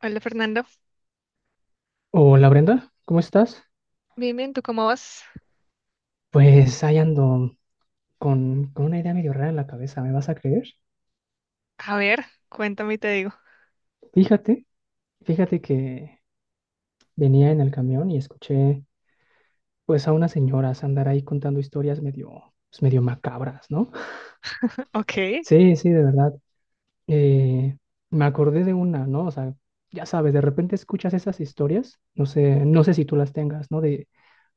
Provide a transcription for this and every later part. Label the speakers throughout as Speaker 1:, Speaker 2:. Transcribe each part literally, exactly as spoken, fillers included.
Speaker 1: Hola Fernando,
Speaker 2: Hola Brenda, ¿cómo estás?
Speaker 1: bien, bien, ¿tú cómo vas?
Speaker 2: Pues ahí ando con, con una idea medio rara en la cabeza, ¿me vas a creer?
Speaker 1: A ver, cuéntame y te digo.
Speaker 2: Fíjate, fíjate que venía en el camión y escuché pues a unas señoras andar ahí contando historias medio, pues, medio macabras, ¿no?
Speaker 1: Ok,
Speaker 2: Sí, sí, de verdad. Eh, me acordé de una, ¿no? O sea, ya sabes, de repente escuchas esas historias, no sé, no sé si tú las tengas, ¿no? De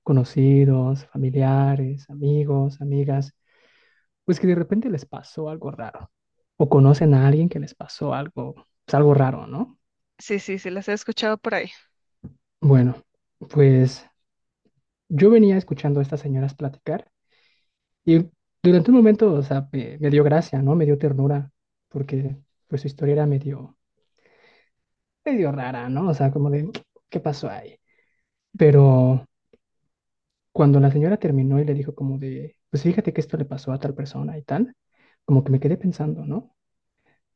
Speaker 2: conocidos, familiares, amigos, amigas pues que de repente les pasó algo raro. O conocen a alguien que les pasó algo, pues algo raro, ¿no?
Speaker 1: sí, sí, sí, las he escuchado por ahí.
Speaker 2: Bueno, pues yo venía escuchando a estas señoras platicar y durante un momento, o sea, me, me dio gracia, ¿no? Me dio ternura, porque pues su historia era medio, medio rara, ¿no? O sea, como de, ¿qué pasó ahí? Pero cuando la señora terminó y le dijo como de, pues fíjate que esto le pasó a tal persona y tal, como que me quedé pensando, ¿no?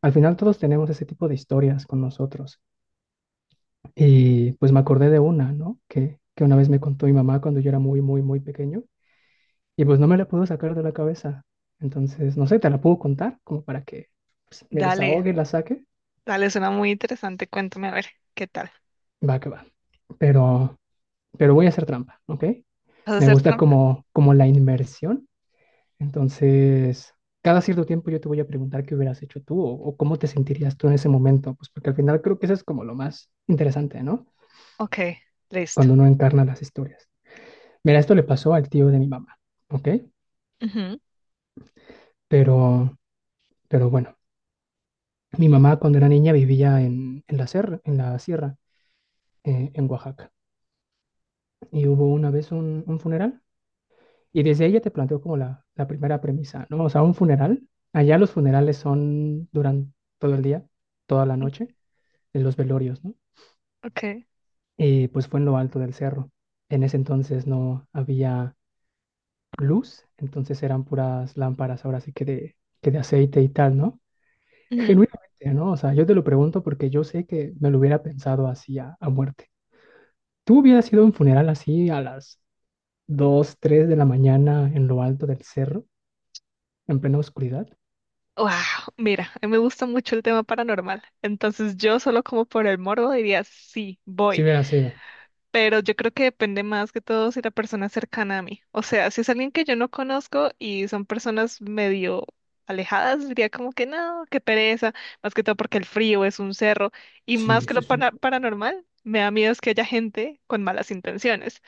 Speaker 2: Al final todos tenemos ese tipo de historias con nosotros. Y pues me acordé de una, ¿no? Que, que una vez me contó mi mamá cuando yo era muy, muy, muy pequeño. Y pues no me la puedo sacar de la cabeza. Entonces, no sé, te la puedo contar como para que pues, me
Speaker 1: Dale,
Speaker 2: desahogue, la saque.
Speaker 1: dale, suena muy interesante, cuéntame a ver, ¿qué tal?
Speaker 2: Va que va. Pero, pero voy a hacer trampa, ¿ok?
Speaker 1: ¿Vas a
Speaker 2: Me
Speaker 1: hacer
Speaker 2: gusta
Speaker 1: trampa?
Speaker 2: como, como la inmersión. Entonces, cada cierto tiempo yo te voy a preguntar qué hubieras hecho tú o, o cómo te sentirías tú en ese momento. Pues porque al final creo que eso es como lo más interesante, ¿no?
Speaker 1: Ok, listo.
Speaker 2: Cuando uno encarna las historias. Mira, esto le pasó al tío de mi mamá, ¿ok?
Speaker 1: Ujú.
Speaker 2: Pero, pero bueno, mi mamá cuando era niña vivía en, en la serra, en la sierra, eh, en Oaxaca, y hubo una vez un, un funeral, y desde ella te planteó como la, la primera premisa, ¿no? O sea, un funeral, allá los funerales son durante todo el día, toda la noche, en los velorios, ¿no?
Speaker 1: Ok.
Speaker 2: Y pues fue en lo alto del cerro. En ese entonces no había luz, entonces eran puras lámparas, ahora sí que de, que de aceite y tal, ¿no?
Speaker 1: Ujú.
Speaker 2: Genuinamente, ¿no? O sea, yo te lo pregunto porque yo sé que me lo hubiera pensado así a, a muerte. ¿Tú hubieras ido a un funeral así a las dos, tres de la mañana en lo alto del cerro, en plena oscuridad?
Speaker 1: Wow, mira, a mí me gusta mucho el tema paranormal, entonces yo solo como por el morbo diría, sí,
Speaker 2: Sí
Speaker 1: voy.
Speaker 2: hubiera sido.
Speaker 1: Pero yo creo que depende más que todo si la persona es cercana a mí. O sea, si es alguien que yo no conozco y son personas medio alejadas, diría como que no, qué pereza, más que todo porque el frío es un cerro y más
Speaker 2: Sí,
Speaker 1: que lo
Speaker 2: sí, sí.
Speaker 1: pana- paranormal, me da miedo es que haya gente con malas intenciones.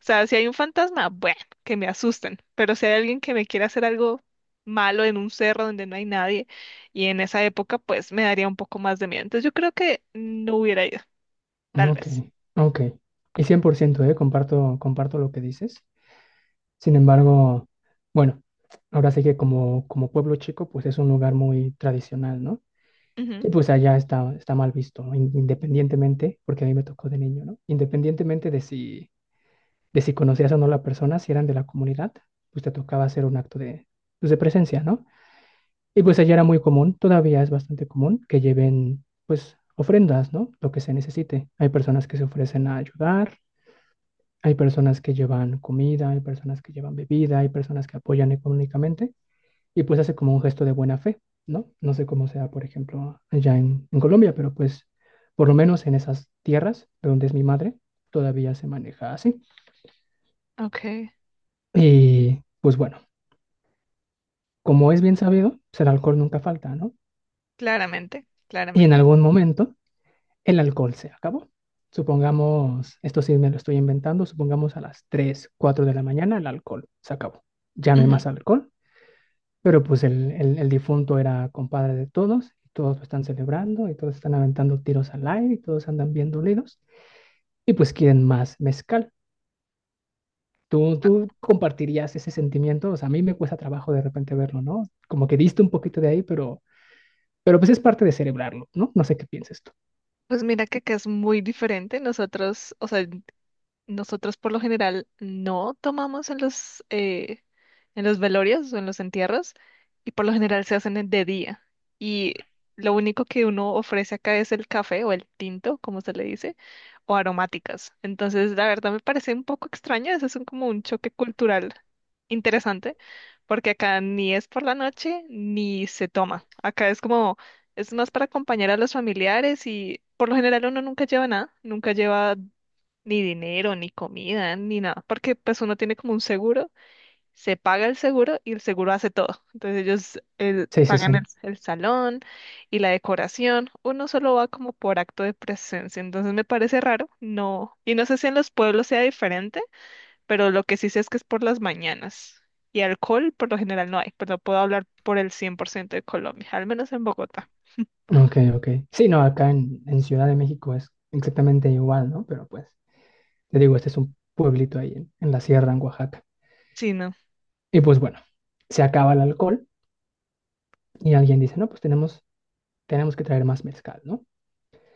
Speaker 1: O sea, si hay un fantasma, bueno, que me asusten, pero si hay alguien que me quiera hacer algo malo en un cerro donde no hay nadie y en esa época, pues me daría un poco más de miedo. Entonces yo creo que no hubiera ido, tal
Speaker 2: Ok,
Speaker 1: vez.
Speaker 2: ok. Y cien por ciento, ¿eh? Comparto, comparto lo que dices. Sin embargo, bueno, ahora sí que como, como pueblo chico, pues es un lugar muy tradicional, ¿no?
Speaker 1: Ujú.
Speaker 2: Y pues allá está, está mal visto, ¿no? In- Independientemente, porque a mí me tocó de niño, ¿no? Independientemente de si de si conocías o no la persona, si eran de la comunidad, pues te tocaba hacer un acto de, pues, de presencia, ¿no? Y pues allá era muy común, todavía es bastante común que lleven, pues, ofrendas, ¿no? Lo que se necesite. Hay personas que se ofrecen a ayudar, hay personas que llevan comida, hay personas que llevan bebida, hay personas que apoyan económicamente y pues hace como un gesto de buena fe, ¿no? No sé cómo sea, por ejemplo, allá en, en Colombia, pero pues por lo menos en esas tierras de donde es mi madre, todavía se maneja así.
Speaker 1: Ok.
Speaker 2: Y pues bueno, como es bien sabido, pues el alcohol nunca falta, ¿no?
Speaker 1: Claramente,
Speaker 2: Y en
Speaker 1: claramente.
Speaker 2: algún momento el alcohol se acabó. Supongamos, esto sí me lo estoy inventando, supongamos a las tres, cuatro de la mañana el alcohol se acabó. Ya no hay
Speaker 1: Ujú.
Speaker 2: más alcohol, pero pues el, el- el difunto era compadre de todos, y todos lo están celebrando y todos están aventando tiros al aire y todos andan bien dolidos y pues quieren más mezcal. ¿Tú, tú compartirías ese sentimiento? O sea, a mí me cuesta trabajo de repente verlo, ¿no? Como que diste un poquito de ahí, pero Pero pues es parte de celebrarlo, ¿no? No sé qué piensas tú.
Speaker 1: Pues mira que acá es muy diferente. Nosotros, o sea, nosotros por lo general no tomamos en los, eh, en los velorios o en los entierros y por lo general se hacen en- de día. Y lo único que uno ofrece acá es el café o el tinto, como se le dice, o aromáticas. Entonces, la verdad me parece un poco extraño, eso es un- como un choque cultural interesante, porque acá ni es por la noche ni se toma. Acá es como, es más para acompañar a los familiares y por lo general uno nunca lleva nada, nunca lleva ni dinero, ni comida, ni nada, porque pues uno tiene como un seguro, se paga el seguro y el seguro hace todo. Entonces ellos el-
Speaker 2: Sí, sí,
Speaker 1: pagan
Speaker 2: sí.
Speaker 1: el, el salón y la decoración, uno solo va como por acto de presencia, entonces me parece raro, no, y no sé si en los pueblos sea diferente, pero lo que sí sé es que es por las mañanas. Y alcohol por lo general no hay, pero puedo hablar por el cien por ciento de Colombia, al menos en Bogotá.
Speaker 2: Ok, ok. Sí, no, acá en, en Ciudad de México es exactamente igual, ¿no? Pero pues, te digo, este es un pueblito ahí en, en la sierra, en Oaxaca.
Speaker 1: Sí, no.
Speaker 2: Y pues bueno, se acaba el alcohol y alguien dice, no, pues tenemos, tenemos que traer más mezcal, ¿no?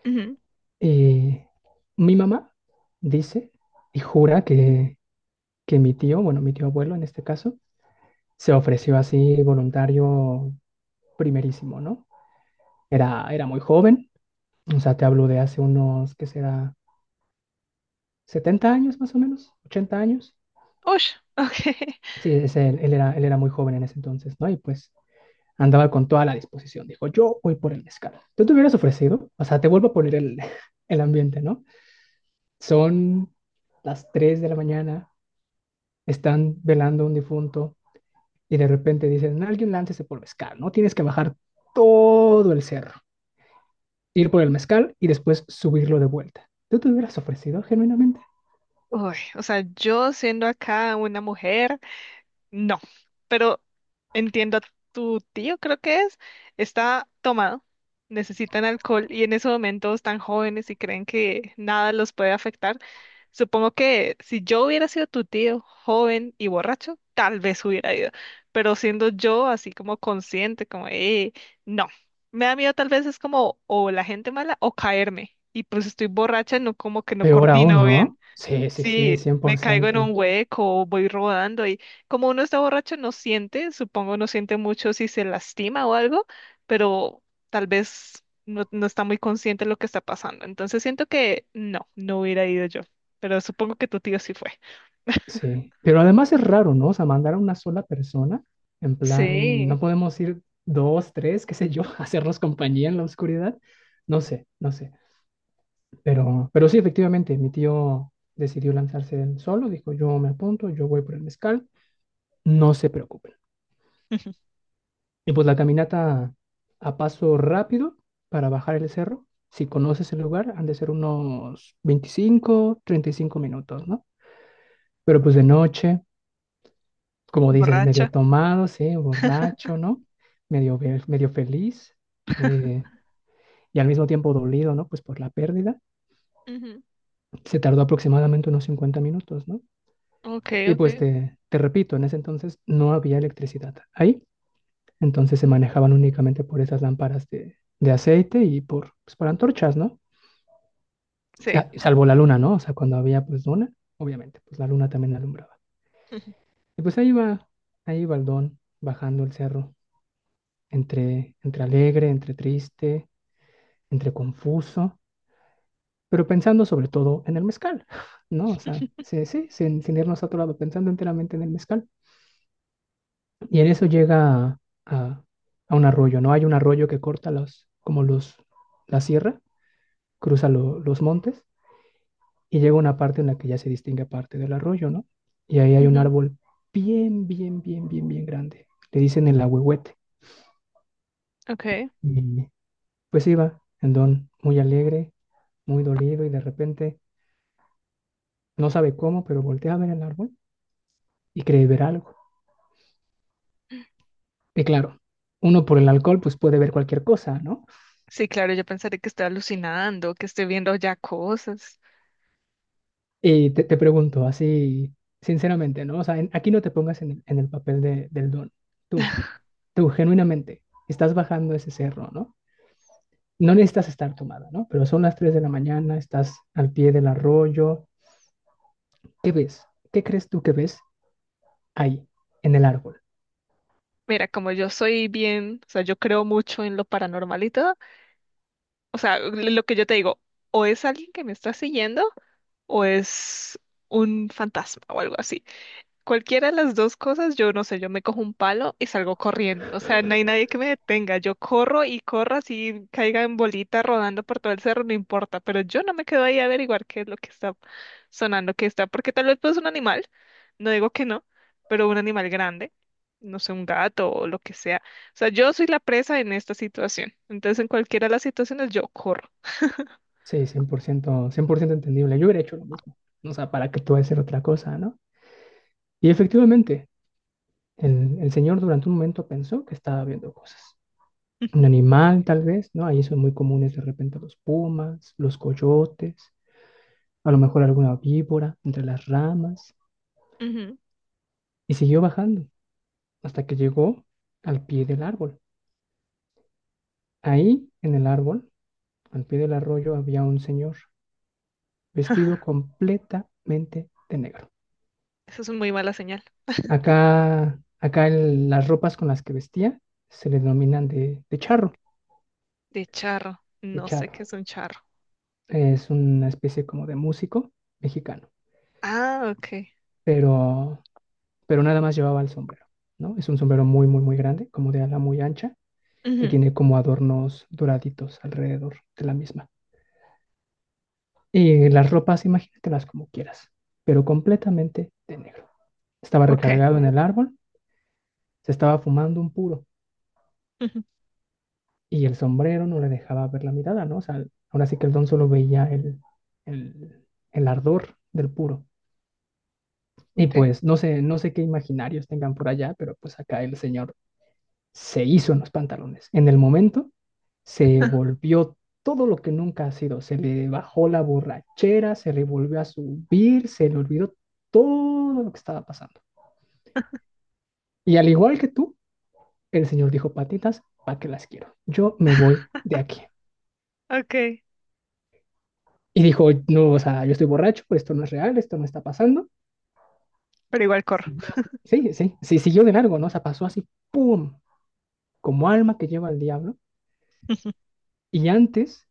Speaker 1: Ujú.
Speaker 2: Y mi mamá dice y jura que, que mi tío, bueno, mi tío abuelo en este caso, se ofreció así voluntario primerísimo, ¿no? Era, era muy joven. O sea, te hablo de hace unos, ¿qué será? Setenta años más o menos, ochenta años.
Speaker 1: Ush, ok.
Speaker 2: Sí, es él, él era, él era muy joven en ese entonces, ¿no? Y pues andaba con toda la disposición. Dijo, yo voy por el mezcal. ¿Tú te hubieras ofrecido? O sea, te vuelvo a poner el, el ambiente, ¿no? Son las tres de la mañana, están velando a un difunto y de repente dicen, alguien láncese por mezcal, ¿no? Tienes que bajar todo el cerro, ir por el mezcal y después subirlo de vuelta. ¿Tú te hubieras ofrecido genuinamente?
Speaker 1: Uy, o sea, yo siendo acá una mujer, no, pero entiendo a tu tío, creo que es, está tomado, necesitan alcohol y en ese momento están jóvenes y creen que nada los puede afectar. Supongo que si yo hubiera sido tu tío, joven y borracho, tal vez hubiera ido, pero siendo yo así como consciente, como, eh, no, me da miedo tal vez es como o la gente mala o caerme y pues estoy borracha, no como que no
Speaker 2: Peor aún,
Speaker 1: coordino bien.
Speaker 2: ¿no? Sí, sí, sí,
Speaker 1: Sí,
Speaker 2: cien
Speaker 1: me
Speaker 2: por
Speaker 1: caigo en un
Speaker 2: ciento
Speaker 1: hueco, voy rodando y como uno está borracho no siente, supongo no siente mucho si se lastima o algo, pero tal vez no, no está muy consciente de lo que está pasando. Entonces siento que no, no hubiera ido yo, pero supongo que tu tío sí fue.
Speaker 2: Sí. Pero además es raro, ¿no? O sea, mandar a una sola persona, en plan,
Speaker 1: Sí,
Speaker 2: no podemos ir dos, tres, qué sé yo, a hacernos compañía en la oscuridad. No sé, no sé. Pero, pero sí, efectivamente, mi tío decidió lanzarse él solo, dijo, yo me apunto, yo voy por el mezcal, no se preocupen. Y pues la caminata a paso rápido para bajar el cerro. Si conoces el lugar, han de ser unos veinticinco treinta y cinco minutos, ¿no? Pero pues de noche, como dices, medio
Speaker 1: borracha.
Speaker 2: tomado, sí, borracho, ¿no? Medio, ve- medio feliz, eh, y al mismo tiempo dolido, ¿no? Pues por la pérdida.
Speaker 1: Ujú.
Speaker 2: Se tardó aproximadamente unos cincuenta minutos, ¿no?
Speaker 1: Ok,
Speaker 2: Y pues
Speaker 1: ok,
Speaker 2: te, te repito, en ese entonces no había electricidad ahí, entonces se manejaban únicamente por esas lámparas de, de aceite y por, pues, por antorchas, ¿no?
Speaker 1: sí.
Speaker 2: Sa- Salvo la luna, ¿no? O sea, cuando había pues luna, obviamente, pues la luna también alumbraba.
Speaker 1: Ujú.
Speaker 2: Y pues ahí va, ahí va el don, bajando el cerro entre, entre alegre, entre triste, entre confuso, pero pensando sobre todo en el mezcal, ¿no? O sea, sí, sí, sin, sin irnos a otro lado, pensando enteramente en el mezcal. Y en eso llega a, a, a un arroyo, ¿no? Hay un arroyo que corta los, como los, la sierra, cruza lo- los montes y llega una parte en la que ya se distingue parte del arroyo, ¿no? Y ahí hay un
Speaker 1: Ujú.
Speaker 2: árbol bien, bien, bien, bien, bien grande. Le dicen el ahuehuete.
Speaker 1: Ok.
Speaker 2: Y pues iba el don muy alegre, muy dolido y de repente no sabe cómo, pero voltea a ver el árbol y cree ver algo. Y claro, uno por el alcohol pues puede ver cualquier cosa, ¿no?
Speaker 1: Sí, claro, yo pensaré que estoy alucinando, que estoy viendo ya cosas.
Speaker 2: Y te, te pregunto así, sinceramente, ¿no? O sea, en- aquí no te pongas en el, en el papel de- del don. Tú, tú genuinamente, estás bajando ese cerro, ¿no? No necesitas estar tomada, ¿no? Pero son las tres de la mañana, estás al pie del arroyo. ¿Qué ves? ¿Qué crees tú que ves ahí, en el árbol?
Speaker 1: Mira, como yo soy bien, o sea, yo creo mucho en lo paranormal y todo, o sea, l- lo que yo te digo, o es alguien que me está siguiendo o es un fantasma o algo así. Cualquiera de las dos cosas, yo no sé, yo me cojo un palo y salgo corriendo. O sea, no hay nadie que me detenga. Yo corro y corro así, caiga en bolita rodando por todo el cerro, no importa. Pero yo no me quedo ahí a averiguar qué es lo que está sonando, qué está. Porque tal vez pues un animal, no digo que no, pero un animal grande, no sé, un gato o lo que sea. O sea, yo soy la presa en esta situación. Entonces, en cualquiera de las situaciones, yo corro.
Speaker 2: Sí, cien cien por ciento, cien por ciento entendible. Yo hubiera hecho lo mismo. O sea, ¿para qué tú vas a hacer otra cosa, no? Y efectivamente, el, el señor durante un momento pensó que estaba viendo cosas. Un animal, tal vez, ¿no? Ahí son muy comunes de repente los pumas, los coyotes, a lo mejor alguna víbora entre las ramas.
Speaker 1: Ujú.
Speaker 2: Y siguió bajando hasta que llegó al pie del árbol. Ahí, en el árbol, al pie del arroyo, había un señor vestido completamente de negro.
Speaker 1: Eso es una muy mala señal.
Speaker 2: Acá, acá el- las ropas con las que vestía se le denominan de, de charro,
Speaker 1: De charro.
Speaker 2: de
Speaker 1: No sé qué
Speaker 2: charro.
Speaker 1: es un charro.
Speaker 2: Es una especie como de músico mexicano,
Speaker 1: Ah, ok.
Speaker 2: pero, pero nada más llevaba el sombrero, ¿no? Es un sombrero muy, muy, muy grande, como de ala muy ancha, que
Speaker 1: Ujú.
Speaker 2: tiene como adornos doraditos alrededor de la misma. Y las ropas, imagínatelas como quieras, pero completamente de negro. Estaba
Speaker 1: Okay.
Speaker 2: recargado en el árbol, se estaba fumando un puro.
Speaker 1: Ujú.
Speaker 2: Y el sombrero no le dejaba ver la mirada, ¿no? O sea, ahora sí que el don solo veía el, el, el ardor del puro. Y
Speaker 1: Okay.
Speaker 2: pues no sé, no sé qué imaginarios tengan por allá, pero pues acá el señor se hizo en los pantalones. En el momento se volvió todo lo que nunca ha sido. Se le bajó la borrachera, se le volvió a subir, se le olvidó todo lo que estaba pasando. Y al igual que tú, el señor dijo, patitas, ¿para qué las quiero? Yo me voy de aquí.
Speaker 1: Okay,
Speaker 2: Y dijo, no, o sea, yo estoy borracho, esto no es real, esto no está pasando.
Speaker 1: pero igual corro.
Speaker 2: Siguió. Sí, sí, sí, siguió de largo, ¿no? O sea, pasó así, ¡pum! Como alma que lleva al diablo. Y antes,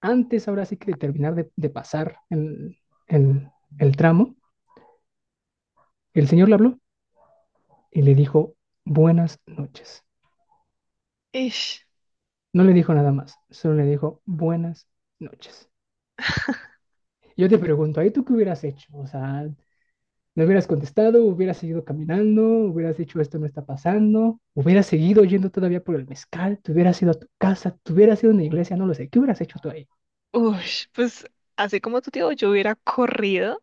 Speaker 2: antes ahora sí que de terminar de, de pasar el, el, el tramo, el señor le habló y le dijo, buenas noches.
Speaker 1: Ish,
Speaker 2: No le dijo nada más, solo le dijo, buenas noches. Yo te pregunto, ¿ahí tú qué hubieras hecho? O sea, no hubieras contestado, hubieras seguido caminando, hubieras dicho esto no está pasando, hubieras seguido yendo todavía por el mezcal, te hubieras ido a tu casa, te hubieras ido a una iglesia, no lo sé, ¿qué hubieras hecho tú ahí?
Speaker 1: ush, pues así como tu tío, yo hubiera corrido.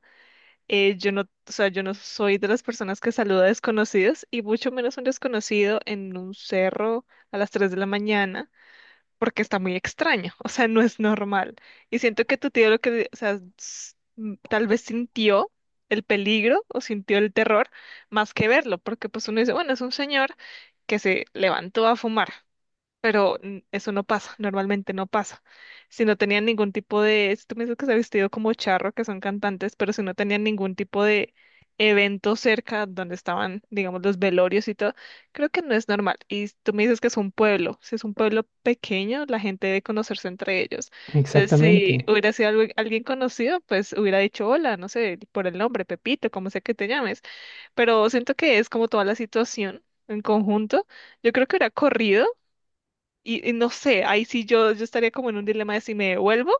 Speaker 1: eh, yo no, o sea, yo no soy de las personas que saluda a desconocidos y mucho menos un desconocido en un cerro a las tres de la mañana porque está muy extraño, o sea, no es normal. Y siento que tu tío lo que, o sea, s- m- tal vez sintió el peligro o sintió el terror más que verlo, porque pues uno dice, bueno, es un señor que se levantó a fumar. Pero mm, eso no pasa, normalmente no pasa. Si no tenían ningún tipo de, si tú me dices que se ha vestido como charro, que son cantantes, pero si no tenían ningún tipo de evento cerca donde estaban, digamos, los velorios y todo, creo que no es normal. Y tú me dices que es un pueblo, si es un pueblo pequeño, la gente debe conocerse entre ellos. Entonces,
Speaker 2: Exactamente,
Speaker 1: si hubiera sido algu- alguien conocido, pues hubiera dicho hola, no sé, por el nombre, Pepito, como sea que te llames, pero siento que es como toda la situación en conjunto. Yo creo que hubiera corrido y, y no sé, ahí sí yo, yo estaría como en un dilema de si me devuelvo.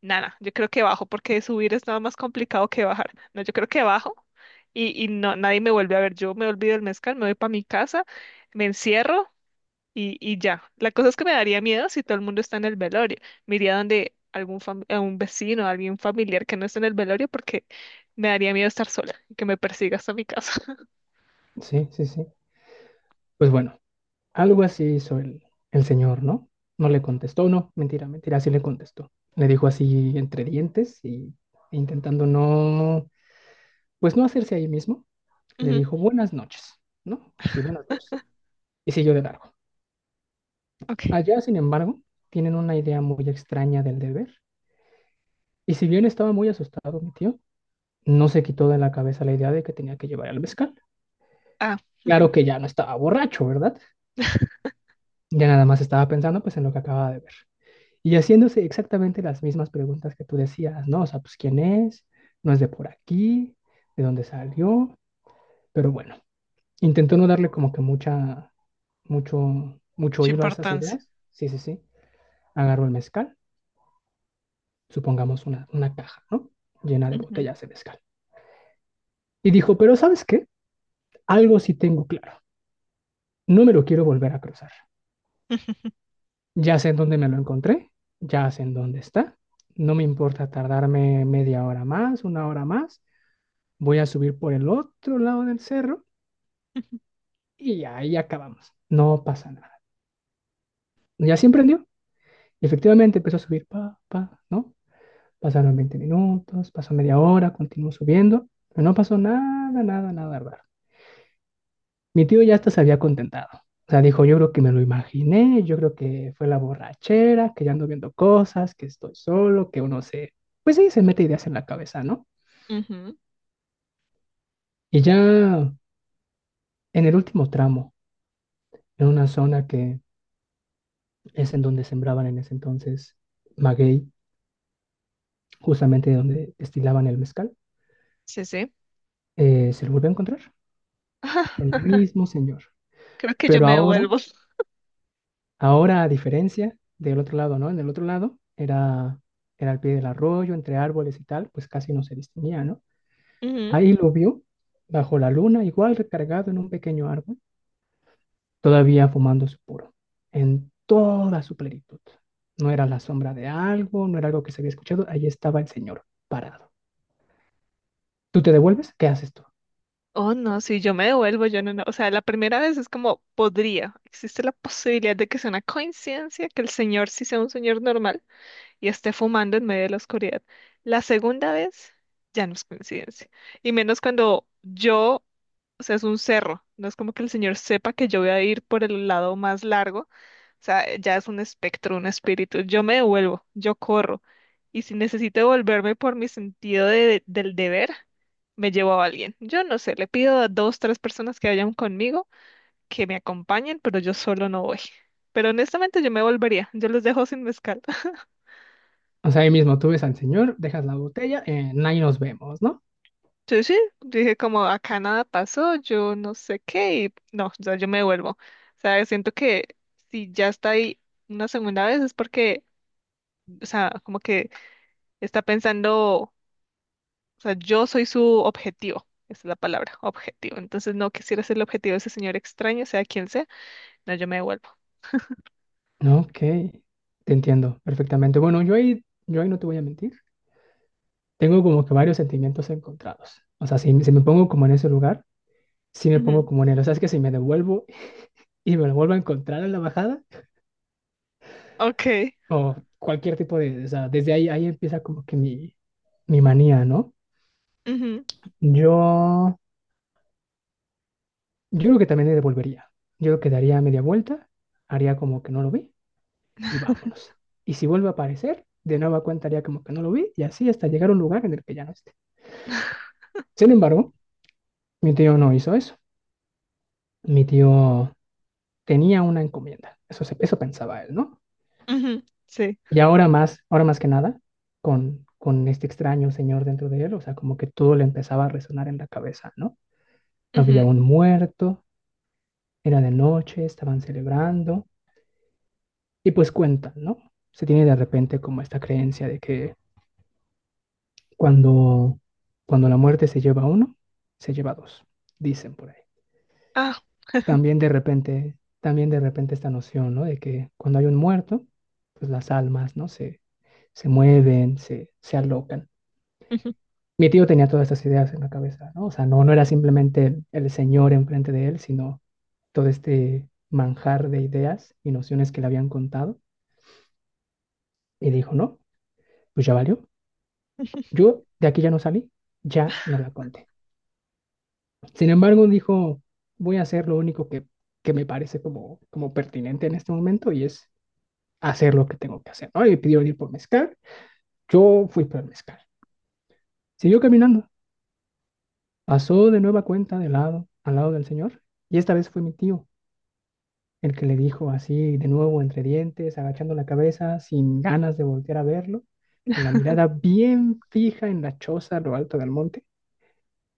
Speaker 1: Nada, yo creo que bajo, porque subir es nada más complicado que bajar. No, yo creo que bajo y, y no, nadie me vuelve a ver. Yo me olvido del mezcal, me voy para mi casa, me encierro y, y ya. La cosa es que me daría miedo si todo el mundo está en el velorio. Me iría donde algún fam- a un vecino, alguien familiar que no esté en el velorio, porque me daría miedo estar sola y que me persiga hasta mi casa.
Speaker 2: sí, sí, sí. Pues bueno, algo así hizo el, el señor, ¿no? No le contestó, no, mentira, mentira, sí le contestó. Le dijo así entre dientes y e intentando no, pues no hacerse ahí mismo, le
Speaker 1: Ujú.
Speaker 2: dijo buenas noches, ¿no? Así, buenas noches. Y siguió de largo.
Speaker 1: Ok.
Speaker 2: Allá, sin embargo, tienen una idea muy extraña del deber. Y si bien estaba muy asustado mi tío, no se quitó de la cabeza la idea de que tenía que llevar al mezcal.
Speaker 1: Ah,
Speaker 2: Claro que ya no estaba borracho, ¿verdad? Ya nada más estaba pensando pues en lo que acababa de ver. Y haciéndose exactamente las mismas preguntas que tú decías, ¿no? O sea, pues quién es, no es de por aquí, de dónde salió, pero bueno, intentó no darle como que mucha, mucho, mucho
Speaker 1: su
Speaker 2: hilo a esas
Speaker 1: importancia.
Speaker 2: ideas. Sí, sí, sí. Agarró el mezcal, supongamos una, una caja, ¿no? Llena de
Speaker 1: Ujú,
Speaker 2: botellas de mezcal. Y dijo, pero ¿sabes qué? Algo sí tengo claro. No me lo quiero volver a cruzar. Ya sé en dónde me lo encontré, ya sé en dónde está. No me importa tardarme media hora más, una hora más. Voy a subir por el otro lado del cerro y ahí acabamos. No pasa nada. Ya se emprendió. Y efectivamente empezó a subir, pa, pa, ¿no? Pasaron veinte minutos, pasó media hora, continuó subiendo, pero no pasó nada, nada, nada raro. Mi tío ya hasta se había contentado. O sea, dijo, yo creo que me lo imaginé, yo creo que fue la borrachera, que ya ando viendo cosas, que estoy solo, que uno se... Pues sí, se mete ideas en la cabeza, ¿no?
Speaker 1: ujú,
Speaker 2: Y ya en el último tramo, en una zona que es en donde sembraban en ese entonces maguey, justamente donde destilaban el mezcal,
Speaker 1: sí, sí.
Speaker 2: eh, se lo volvió a encontrar, el mismo señor.
Speaker 1: Creo que yo
Speaker 2: Pero
Speaker 1: me
Speaker 2: ahora
Speaker 1: devuelvo.
Speaker 2: Ahora, a diferencia del otro lado, ¿no? En el otro lado era, era al pie del arroyo, entre árboles y tal, pues casi no se distinguía, ¿no?
Speaker 1: Ujú.
Speaker 2: Ahí lo vio, bajo la luna, igual recargado en un pequeño árbol, todavía fumando su puro, en toda su plenitud. No era la sombra de algo, no era algo que se había escuchado, ahí estaba el señor, parado. ¿Tú te devuelves? ¿Qué haces tú?
Speaker 1: Oh, no, si yo me devuelvo, yo no, no. O sea, la primera vez es como podría. Existe la posibilidad de que sea una coincidencia, que el señor sí sea un señor normal y esté fumando en medio de la oscuridad. La segunda vez ya no es coincidencia. Y menos cuando yo, o sea, es un cerro. No es como que el Señor sepa que yo voy a ir por el lado más largo. O sea, ya es un espectro, un espíritu. Yo me devuelvo, yo corro. Y si necesito devolverme por mi sentido de- del deber, me llevo a alguien. Yo no sé, le pido a dos, tres personas que vayan conmigo, que me acompañen, pero yo solo no voy. Pero honestamente yo me volvería, yo los dejo sin mezcal.
Speaker 2: O sea, ahí mismo tú ves al señor, dejas la botella, eh, ahí nos vemos, ¿no?
Speaker 1: Sí, sí, dije como acá nada pasó, yo no sé qué, y no, o sea, yo me devuelvo. O sea, siento que si ya está ahí una segunda vez es porque, o sea, como que está pensando, o sea, yo soy su objetivo, esa es la palabra, objetivo. Entonces no quisiera ser el objetivo de ese señor extraño, sea quien sea, no, yo me devuelvo.
Speaker 2: Ok, te entiendo perfectamente. Bueno, yo ahí, yo ahí no te voy a mentir, tengo como que varios sentimientos encontrados. O sea, si, si me pongo como en ese lugar, si me pongo
Speaker 1: Ujú.
Speaker 2: como en él. O sea, es que si me devuelvo y me lo vuelvo a encontrar en la bajada,
Speaker 1: Ok,
Speaker 2: o cualquier tipo de... O sea, desde ahí, ahí empieza como que mi, mi manía, ¿no?
Speaker 1: ujú,
Speaker 2: Yo, yo creo que también le devolvería. Yo creo que daría media vuelta, haría como que no lo vi y vámonos. Y si vuelve a aparecer, de nueva cuenta haría como que no lo vi y así hasta llegar a un lugar en el que ya no esté. Sin embargo, mi tío no hizo eso. Mi tío tenía una encomienda, eso, se- eso pensaba él, ¿no?
Speaker 1: ujú, sí,
Speaker 2: Y ahora más, ahora más que nada, con, con este extraño señor dentro de él, o sea, como que todo le empezaba a resonar en la cabeza, ¿no? Había
Speaker 1: ujú,
Speaker 2: un muerto, era de noche, estaban celebrando, y pues cuentan, ¿no? Se tiene de repente como esta creencia de que cuando, cuando la muerte se lleva a uno, se lleva a dos, dicen por ahí.
Speaker 1: ah,
Speaker 2: También de repente, también de repente esta noción, ¿no? De que cuando hay un muerto, pues las almas, ¿no? Se, se mueven, se, se alocan.
Speaker 1: ujú.
Speaker 2: Mi tío tenía todas estas ideas en la cabeza, ¿no? O sea, no, no era simplemente el, el señor enfrente de él, sino todo este manjar de ideas y nociones que le habían contado. Y dijo, no, pues ya valió. Yo de aquí ya no salí, ya no la conté. Sin embargo, dijo, voy a hacer lo único que, que me parece como, como pertinente en este momento y es hacer lo que tengo que hacer, ¿no? Y me pidió ir por mezcal. Yo fui por el mezcal. Siguió caminando. Pasó de nueva cuenta de lado al lado del señor, y esta vez fue mi tío, el que le dijo así de nuevo entre dientes, agachando la cabeza, sin ganas de voltear a verlo, con la mirada bien fija en la choza a lo alto del monte,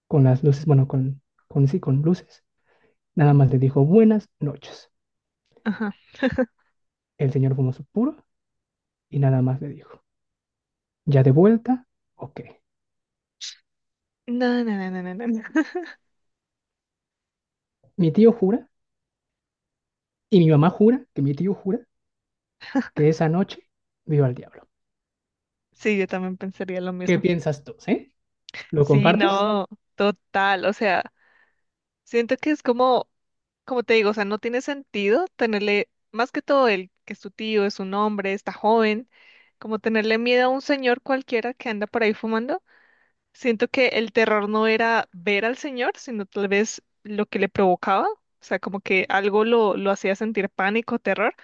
Speaker 2: con las luces, bueno, con, con sí, con luces. Nada más le dijo buenas noches.
Speaker 1: Ajá.
Speaker 2: El señor fumó su puro y nada más le dijo, ¿ya de vuelta? Ok.
Speaker 1: No, no, no, no, no, no. no.
Speaker 2: Mi tío jura, y mi mamá jura, que mi tío jura, que esa noche vio al diablo.
Speaker 1: Sí, yo también pensaría lo
Speaker 2: ¿Qué
Speaker 1: mismo.
Speaker 2: piensas tú, eh? ¿Lo
Speaker 1: Sí,
Speaker 2: compartes?
Speaker 1: no, total. O sea, siento que es como, como te digo, o sea, no tiene sentido tenerle, más que todo el que es tu tío, es un hombre, está joven, como tenerle miedo a un señor cualquiera que anda por ahí fumando. Siento que el terror no era ver al señor, sino tal vez lo que le provocaba. O sea, como que algo lo, lo hacía sentir pánico, terror.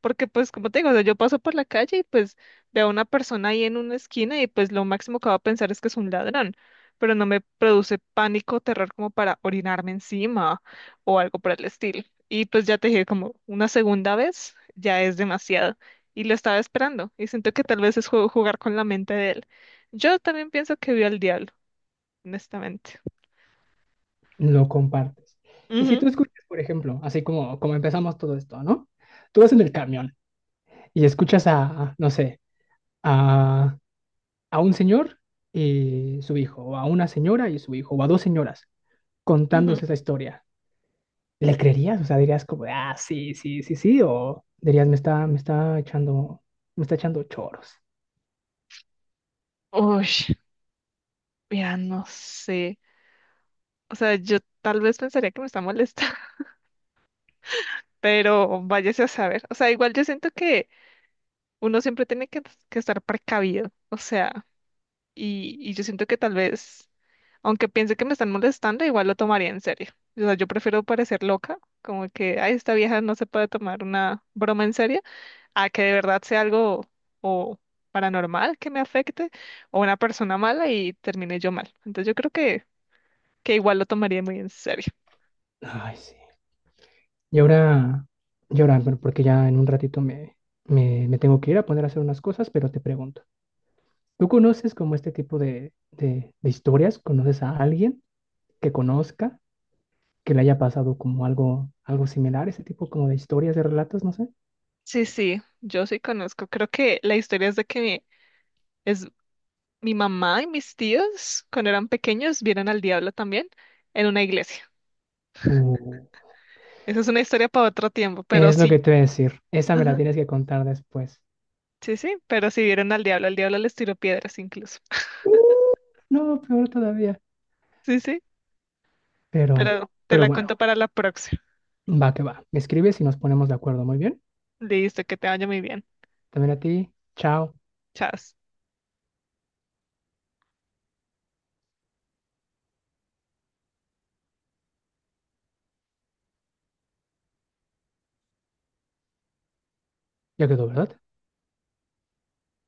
Speaker 1: Porque pues como te digo, o sea, yo paso por la calle y pues veo a una persona ahí en una esquina y pues lo máximo que va a pensar es que es un ladrón, pero no me produce pánico o terror como para orinarme encima o algo por el estilo. Y pues ya te dije, como una segunda vez ya es demasiado y lo estaba esperando y siento que tal vez es ju- jugar con la mente de él. Yo también pienso que vio al diablo, honestamente.
Speaker 2: Lo compartes. Y si
Speaker 1: Ujú,
Speaker 2: tú escuchas, por ejemplo, así como, como empezamos todo esto, ¿no? Tú vas en el camión y escuchas a, no sé, a, a un señor y su hijo, o a una señora y su hijo, o a dos señoras
Speaker 1: ujú.
Speaker 2: contándose esa historia. ¿Le creerías? O sea, dirías como, ah, sí, sí, sí, sí, o dirías, me está, me está echando, me está echando choros.
Speaker 1: Uy, mira, no sé. O sea, yo tal vez pensaría que me está molestando. Pero váyase a saber. O sea, igual yo siento que uno siempre tiene que, que estar precavido, o sea, y, y yo siento que tal vez, aunque piense que me están molestando, igual lo tomaría en serio. O sea, yo prefiero parecer loca, como que, ay, esta vieja no se puede tomar una broma en serio, a que de verdad sea algo o paranormal que me afecte, o una persona mala y termine yo mal. Entonces yo creo que, que igual lo tomaría muy en serio.
Speaker 2: Ay, sí. Y ahora, y ahora, bueno, porque ya en un ratito me, me, me tengo que ir a poner a hacer unas cosas, pero te pregunto. ¿Tú conoces como este tipo de, de, de historias? ¿Conoces a alguien que conozca, que le haya pasado como algo, algo similar, ese tipo como de historias, de relatos, no sé?
Speaker 1: Sí, sí, yo sí conozco. Creo que la historia es de que mi, es mi mamá y mis tíos, cuando eran pequeños, vieron al diablo también en una iglesia.
Speaker 2: Uh,
Speaker 1: Esa es una historia para otro tiempo, pero
Speaker 2: es lo que
Speaker 1: sí.
Speaker 2: te voy a decir. Esa me la
Speaker 1: Ajá.
Speaker 2: tienes que contar después.
Speaker 1: Sí, sí, pero sí vieron al diablo. El diablo les tiró piedras incluso.
Speaker 2: No, peor todavía.
Speaker 1: Sí, sí,
Speaker 2: Pero,
Speaker 1: pero te
Speaker 2: pero
Speaker 1: la
Speaker 2: bueno,
Speaker 1: cuento para la próxima.
Speaker 2: va que va. Me escribes y nos ponemos de acuerdo. Muy bien.
Speaker 1: Listo, que te vaya muy bien.
Speaker 2: También a ti. Chao.
Speaker 1: Chao.
Speaker 2: Ya quedó, ¿verdad?